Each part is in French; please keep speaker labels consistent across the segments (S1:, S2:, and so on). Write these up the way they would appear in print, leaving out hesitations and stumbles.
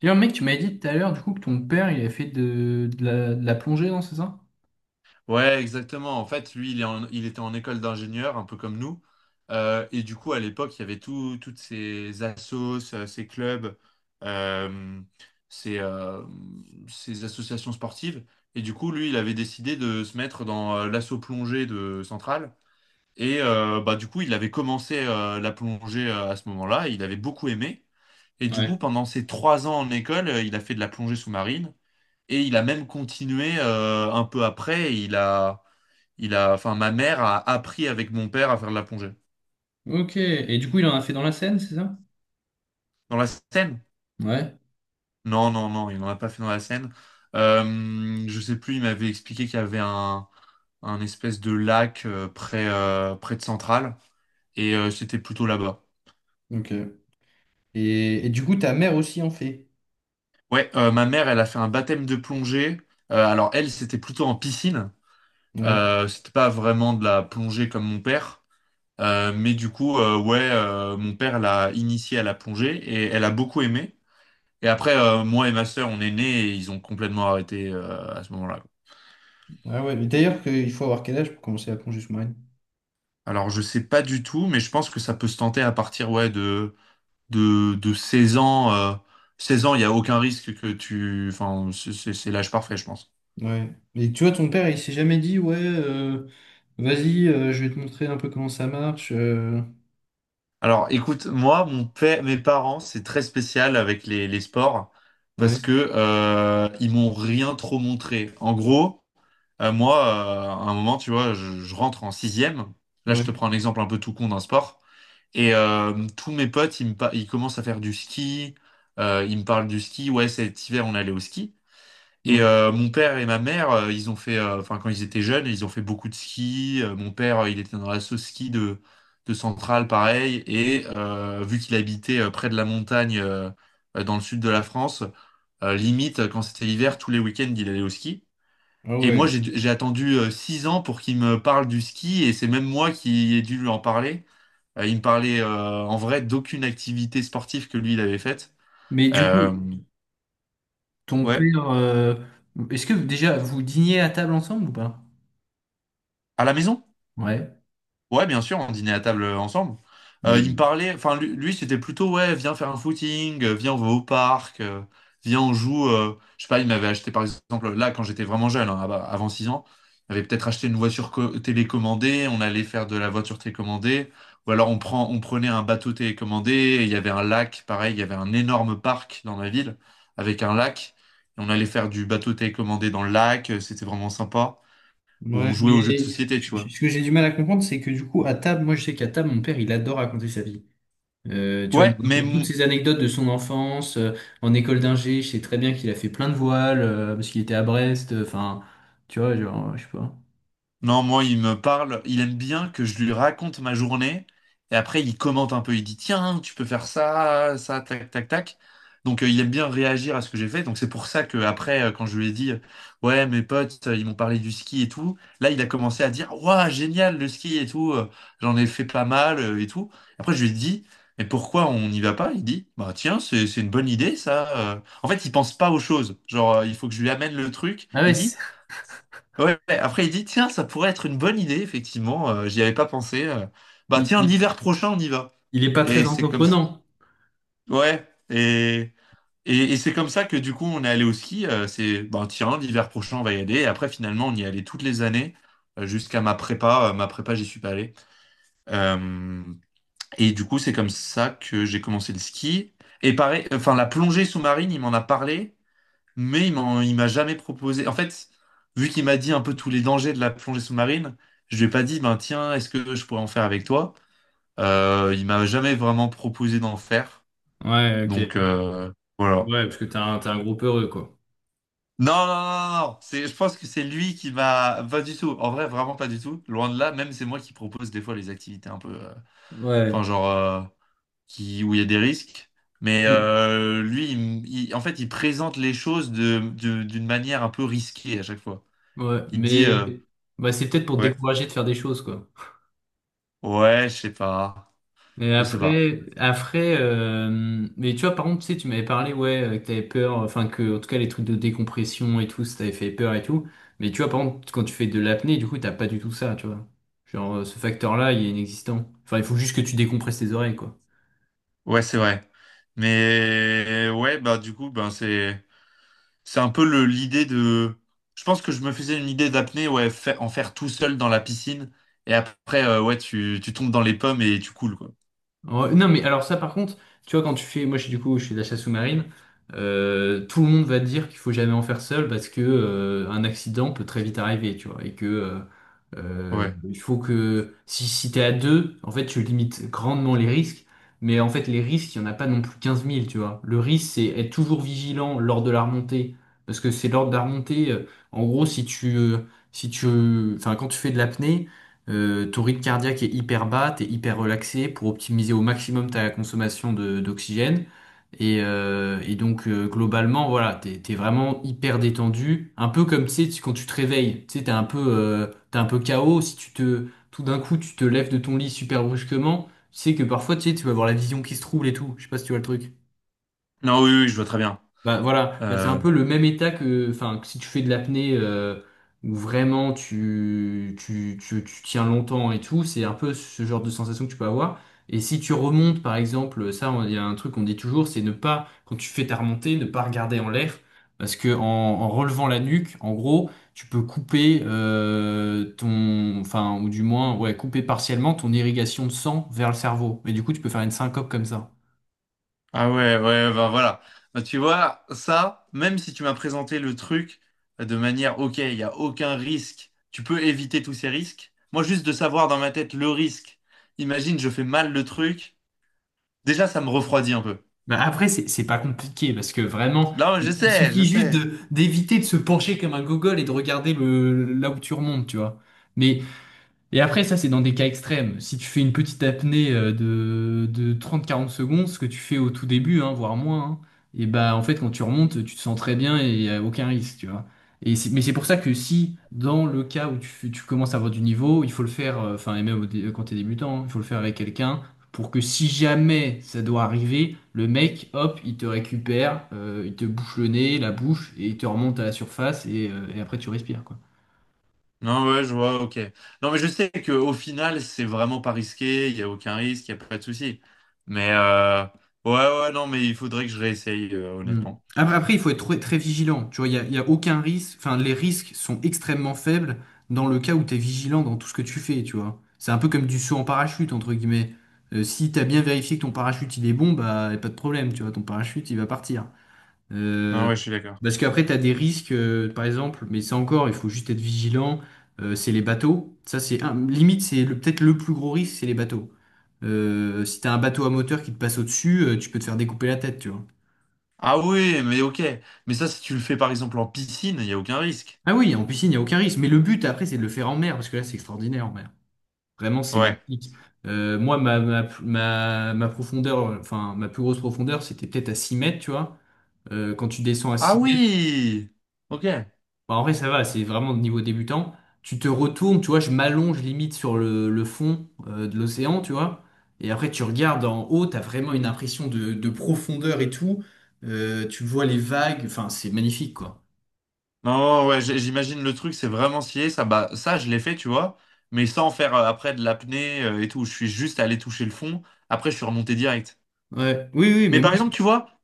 S1: D'ailleurs, mec, tu m'avais dit tout à l'heure, du coup, que ton père, il avait fait de la plongée, non, c'est ça?
S2: Ouais, exactement. En fait, lui, il était en école d'ingénieur, un peu comme nous. Et du coup, à l'époque, il y avait toutes ces assos, ces clubs, euh, ces, euh, ces associations sportives. Et du coup, lui, il avait décidé de se mettre dans l'asso plongée de Centrale. Et du coup, il avait commencé la plongée à ce moment-là. Il avait beaucoup aimé. Et du coup,
S1: Ouais.
S2: pendant ses trois ans en école, il a fait de la plongée sous-marine. Et il a même continué un peu après. Enfin, ma mère a appris avec mon père à faire de la plongée.
S1: Ok. Et du coup, il en a fait dans la Seine, c'est ça?
S2: Dans la Seine?
S1: Ouais,
S2: Non, non, non, il n'en a pas fait dans la Seine. Je sais plus, il m'avait expliqué qu'il y avait un espèce de lac près, près de Centrale, et c'était plutôt là-bas.
S1: ok. Et du coup, ta mère aussi en fait.
S2: Ouais, ma mère, elle a fait un baptême de plongée. Alors elle, c'était plutôt en piscine.
S1: Ouais.
S2: C'était pas vraiment de la plongée comme mon père. Mais du coup, ouais, mon père l'a initiée à la plongée et elle a beaucoup aimé. Et après, moi et ma sœur, on est nés et ils ont complètement arrêté à ce moment-là.
S1: Ah ouais, mais d'ailleurs, il faut avoir quel âge pour commencer la plongée sous-marine?
S2: Alors, je sais pas du tout, mais je pense que ça peut se tenter à partir ouais, de 16 ans. 16 ans, il n'y a aucun risque que tu... Enfin, c'est l'âge parfait, je pense.
S1: Ouais. Mais tu vois, ton père, il s'est jamais dit, ouais, vas-y, je vais te montrer un peu comment ça marche.
S2: Alors, écoute, moi, mon père, mes parents, c'est très spécial avec les sports parce
S1: Ouais,
S2: que ils m'ont rien trop montré. En gros, moi, à un moment, tu vois, je rentre en sixième. Là, je
S1: ouais,
S2: te prends un exemple un peu tout con d'un sport. Et tous mes potes, ils commencent à faire du ski. Ils me parlent du ski. Ouais, cet hiver, on allait au ski. Et
S1: ouais.
S2: euh, mon père et ma mère, enfin, quand ils étaient jeunes, ils ont fait beaucoup de ski. Mon père, il était dans l'asso ski de Centrale, pareil. Et vu qu'il habitait près de la montagne, dans le sud de la France, limite, quand c'était l'hiver, tous les week-ends, il allait au ski.
S1: Ah
S2: Et moi,
S1: ouais.
S2: j'ai attendu six ans pour qu'il me parle du ski. Et c'est même moi qui ai dû lui en parler. Il me parlait en vrai d'aucune activité sportive que lui il avait faite.
S1: Mais du
S2: Euh,
S1: coup, ton
S2: ouais,
S1: père, est-ce que déjà, vous dîniez à table ensemble ou pas?
S2: à la maison?
S1: Ouais.
S2: Ouais, bien sûr, on dînait à table ensemble. Il me
S1: Mais
S2: parlait, lui, c'était plutôt ouais, viens faire un footing, viens on va au parc, viens on joue. Je sais pas, il m'avait acheté par exemple là quand j'étais vraiment jeune, hein, avant 6 ans, il m'avait peut-être acheté une voiture télécommandée, on allait faire de la voiture télécommandée, ou alors on prenait un bateau télécommandé, et il y avait un lac, pareil, il y avait un énorme parc dans ma ville avec un lac, et on allait faire du bateau télécommandé dans le lac, c'était vraiment sympa, où on jouait aux jeux de société, tu vois.
S1: Ce que j'ai du mal à comprendre, c'est que du coup, à table, moi je sais qu'à table, mon père, il adore raconter sa vie. Tu vois, il
S2: Ouais,
S1: nous
S2: mais
S1: raconte toutes
S2: m-
S1: ses anecdotes de son enfance, en école d'ingé, je sais très bien qu'il a fait plein de voiles, parce qu'il était à Brest, enfin, tu vois, genre, je sais pas.
S2: Non, moi, il me parle, il aime bien que je lui raconte ma journée, et après, il commente un peu, il dit, tiens, tu peux faire ça, ça, tac, tac, tac. Donc, il aime bien réagir à ce que j'ai fait. Donc, c'est pour ça que après, quand je lui ai dit, ouais, mes potes, ils m'ont parlé du ski et tout, là, il a commencé à dire, waouh, génial, le ski et tout, j'en ai fait pas mal et tout. Après, je lui ai dit, mais pourquoi on n'y va pas? Il dit, bah, tiens, c'est une bonne idée, ça. En fait, il pense pas aux choses. Genre, il faut que je lui amène le truc.
S1: Ah
S2: Il
S1: ouais,
S2: dit,
S1: c'est-
S2: ouais, ouais. Après il dit, tiens, ça pourrait être une bonne idée, effectivement, j'y avais pas pensé. Bah
S1: il,
S2: tiens,
S1: il-
S2: l'hiver prochain, on y va.
S1: il est pas
S2: Et
S1: très
S2: c'est comme ça.
S1: entreprenant.
S2: Ouais, et c'est comme ça que du coup, on est allé au ski. C'est, bah tiens, l'hiver prochain, on va y aller. Et après, finalement, on y allait toutes les années, jusqu'à ma prépa. Ma prépa, j'y suis pas allé. Euh, et du coup, c'est comme ça que j'ai commencé le ski. Et pareil, enfin, la plongée sous-marine, il m'en a parlé. Mais il m'a jamais proposé. En fait, vu qu'il m'a dit un peu tous les dangers de la plongée sous-marine, je lui ai pas dit, ben tiens, est-ce que je pourrais en faire avec toi? Il m'a jamais vraiment proposé d'en faire.
S1: Ouais, ok.
S2: Donc, voilà.
S1: Ouais, parce que t'es un groupe heureux, quoi.
S2: Non, non, non, non, non. Je pense que c'est lui qui m'a. Pas du tout. En vrai, vraiment pas du tout. Loin de là, même c'est moi qui propose des fois les activités un peu. Enfin,
S1: Ouais.
S2: genre. Qui... où il y a des risques. Mais
S1: Mais...
S2: lui, en fait, il présente les choses d'une manière un peu risquée à chaque fois.
S1: Ouais,
S2: Il dit.
S1: mais
S2: euh,
S1: bah, c'est peut-être pour te
S2: Ouais.
S1: décourager de faire des choses, quoi.
S2: Ouais, je sais pas.
S1: Mais
S2: Je sais pas.
S1: après, après, mais tu vois, par contre, tu sais, tu m'avais parlé, ouais, que t'avais peur, enfin que, en tout cas, les trucs de décompression et tout, ça t'avait fait peur et tout. Mais tu vois, par contre, quand tu fais de l'apnée, du coup, t'as pas du tout ça, tu vois. Genre, ce facteur-là, il est inexistant. Enfin, il faut juste que tu décompresses tes oreilles, quoi.
S2: Ouais, c'est vrai. Mais ouais, bah du coup, ben c'est un peu le l'idée de. Je pense que je me faisais une idée d'apnée, ouais, en faire tout seul dans la piscine. Et après, ouais, tu tombes dans les pommes et tu coules, quoi.
S1: Ouais, non, mais alors ça, par contre, tu vois, quand tu fais, moi, je suis du coup, je suis de la chasse sous-marine, tout le monde va te dire qu'il faut jamais en faire seul parce que un accident peut très vite arriver, tu vois, et que
S2: Ouais.
S1: il faut que si, si t'es à deux, en fait, tu limites grandement les risques, mais en fait, les risques, il y en a pas non plus quinze mille tu vois. Le risque, c'est être toujours vigilant lors de la remontée, parce que c'est lors de la remontée, en gros, si tu, si tu, enfin, quand tu fais de l'apnée. Ton rythme cardiaque est hyper bas, t'es hyper relaxé pour optimiser au maximum ta consommation d'oxygène. Et donc globalement, voilà, t'es, t'es vraiment hyper détendu, un peu comme quand tu te réveilles, tu sais, t'es un peu KO. Si tu te, tout d'un coup, tu te lèves de ton lit super brusquement, tu sais que parfois, tu sais, tu vas avoir la vision qui se trouble et tout. Je sais pas si tu vois le truc.
S2: Non, oui, oui, je vois très bien.
S1: Bah voilà, bah, c'est un
S2: Euh,
S1: peu le même état que, enfin, que si tu fais de l'apnée où vraiment tu tiens longtemps et tout, c'est un peu ce genre de sensation que tu peux avoir. Et si tu remontes, par exemple, ça, il y a un truc qu'on dit toujours, c'est ne pas, quand tu fais ta remontée, ne pas regarder en l'air, parce que en, en relevant la nuque, en gros, tu peux couper ton, enfin, ou du moins, ouais, couper partiellement ton irrigation de sang vers le cerveau. Et du coup, tu peux faire une syncope comme ça.
S2: Ah ouais, ouais, ouais, bah voilà. Bah, tu vois, ça, même si tu m'as présenté le truc de manière, ok, il n'y a aucun risque, tu peux éviter tous ces risques. Moi, juste de savoir dans ma tête le risque, imagine, je fais mal le truc, déjà, ça me refroidit un peu.
S1: Bah après, c'est pas compliqué parce que vraiment,
S2: Non, mais je
S1: il
S2: sais, je
S1: suffit juste
S2: sais.
S1: de d'éviter de se pencher comme un gogol et de regarder le, là où tu remontes, tu vois. Mais et après, ça, c'est dans des cas extrêmes. Si tu fais une petite apnée de 30-40 secondes, ce que tu fais au tout début, hein, voire moins, hein, et bah, en fait, quand tu remontes, tu te sens très bien et y a aucun risque, tu vois. Mais c'est pour ça que si, dans le cas où tu commences à avoir du niveau, il faut le faire, enfin, et même quand t'es débutant, hein, il faut le faire avec quelqu'un pour que si jamais ça doit arriver, le mec, hop, il te récupère, il te bouche le nez, la bouche, et il te remonte à la surface et après tu respires, quoi.
S2: Non, ouais, je vois, ok. Non, mais je sais qu'au final, c'est vraiment pas risqué, il n'y a aucun risque, il n'y a pas de souci. Mais, euh, ouais, ouais, non, mais il faudrait que je réessaye,
S1: Mm.
S2: honnêtement.
S1: Après, il faut être très, très vigilant. Tu vois, il y a aucun risque. Enfin, les risques sont extrêmement faibles dans le cas où tu es vigilant dans tout ce que tu fais, tu vois. C'est un peu comme du saut en parachute, entre guillemets. Si tu as bien vérifié que ton parachute il est bon, bah y a pas de problème, tu vois, ton parachute il va partir.
S2: Non,
S1: Euh,
S2: ouais, je suis d'accord.
S1: parce qu'après, tu as des risques, par exemple, mais ça encore, il faut juste être vigilant. Euh, c'est les bateaux. Ça, c'est un, limite, peut-être le plus gros risque, c'est les bateaux. Si tu as un bateau à moteur qui te passe au-dessus, tu peux te faire découper la tête, tu vois.
S2: Ah oui, mais ok. Mais ça, si tu le fais par exemple en piscine, il n'y a aucun risque.
S1: Ah oui, en piscine, il n'y a aucun risque. Mais le but, après, c'est de le faire en mer, parce que là, c'est extraordinaire en mer. Vraiment, c'est
S2: Ouais.
S1: magnifique. Moi, ma profondeur, enfin, ma plus grosse profondeur, c'était peut-être à 6 mètres, tu vois. Quand tu descends à
S2: Ah
S1: 6 mètres,
S2: oui! Ok.
S1: bah, en vrai, ça va, c'est vraiment de niveau débutant. Tu te retournes, tu vois, je m'allonge limite sur le fond de l'océan, tu vois. Et après, tu regardes en haut, t'as vraiment une impression de profondeur et tout. Tu vois les vagues, enfin, c'est magnifique, quoi.
S2: Non, non, ouais, j'imagine le truc, c'est vraiment scié. Ça, bah, ça, je l'ai fait, tu vois. Mais sans faire après de l'apnée et tout. Je suis juste allé toucher le fond. Après, je suis remonté direct.
S1: Ouais, oui, oui,
S2: Mais
S1: mais moi,
S2: par exemple, tu vois.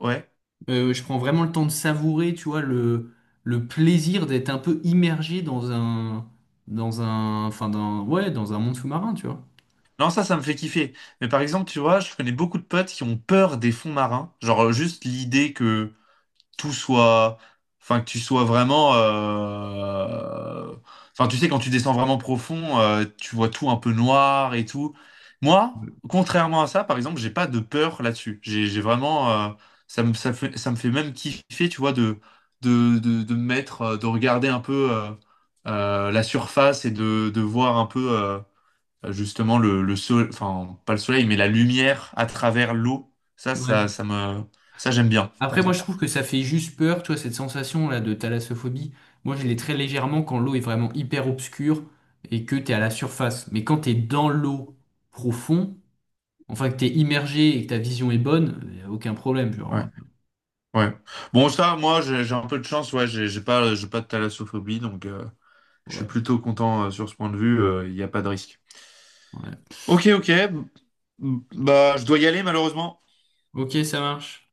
S2: Ouais.
S1: euh, je prends vraiment le temps de savourer, tu vois, le plaisir d'être un peu immergé dans un monde sous-marin, tu vois.
S2: Non, ça me fait kiffer. Mais par exemple, tu vois, je connais beaucoup de potes qui ont peur des fonds marins. Genre, juste l'idée que tout soit, enfin que tu sois vraiment, enfin tu sais quand tu descends vraiment profond, tu vois tout un peu noir et tout. Moi, contrairement à ça, par exemple, j'ai pas de peur là-dessus. J'ai vraiment, ça me fait même kiffer, tu vois, de me mettre, de regarder un peu la surface et de voir un peu justement le soleil, enfin pas le soleil, mais la lumière à travers l'eau. Ça,
S1: Ouais.
S2: ça, ça me, Ça j'aime bien, par
S1: Après, moi, je
S2: exemple.
S1: trouve que ça fait juste peur, tu vois, cette sensation-là de thalassophobie. Moi, je l'ai très légèrement quand l'eau est vraiment hyper obscure et que t'es à la surface. Mais quand t'es dans l'eau profond, enfin, que t'es immergé et que ta vision est bonne, y a aucun problème,
S2: Ouais.
S1: genre.
S2: Ouais. Bon, ça, moi, j'ai un peu de chance. Ouais, j'ai pas de thalassophobie, donc, je suis
S1: Ouais.
S2: plutôt content sur ce point de vue. Il n'y a pas de risque.
S1: Ouais.
S2: Ok, ok. Bah, je dois y aller malheureusement.
S1: Ok, ça marche.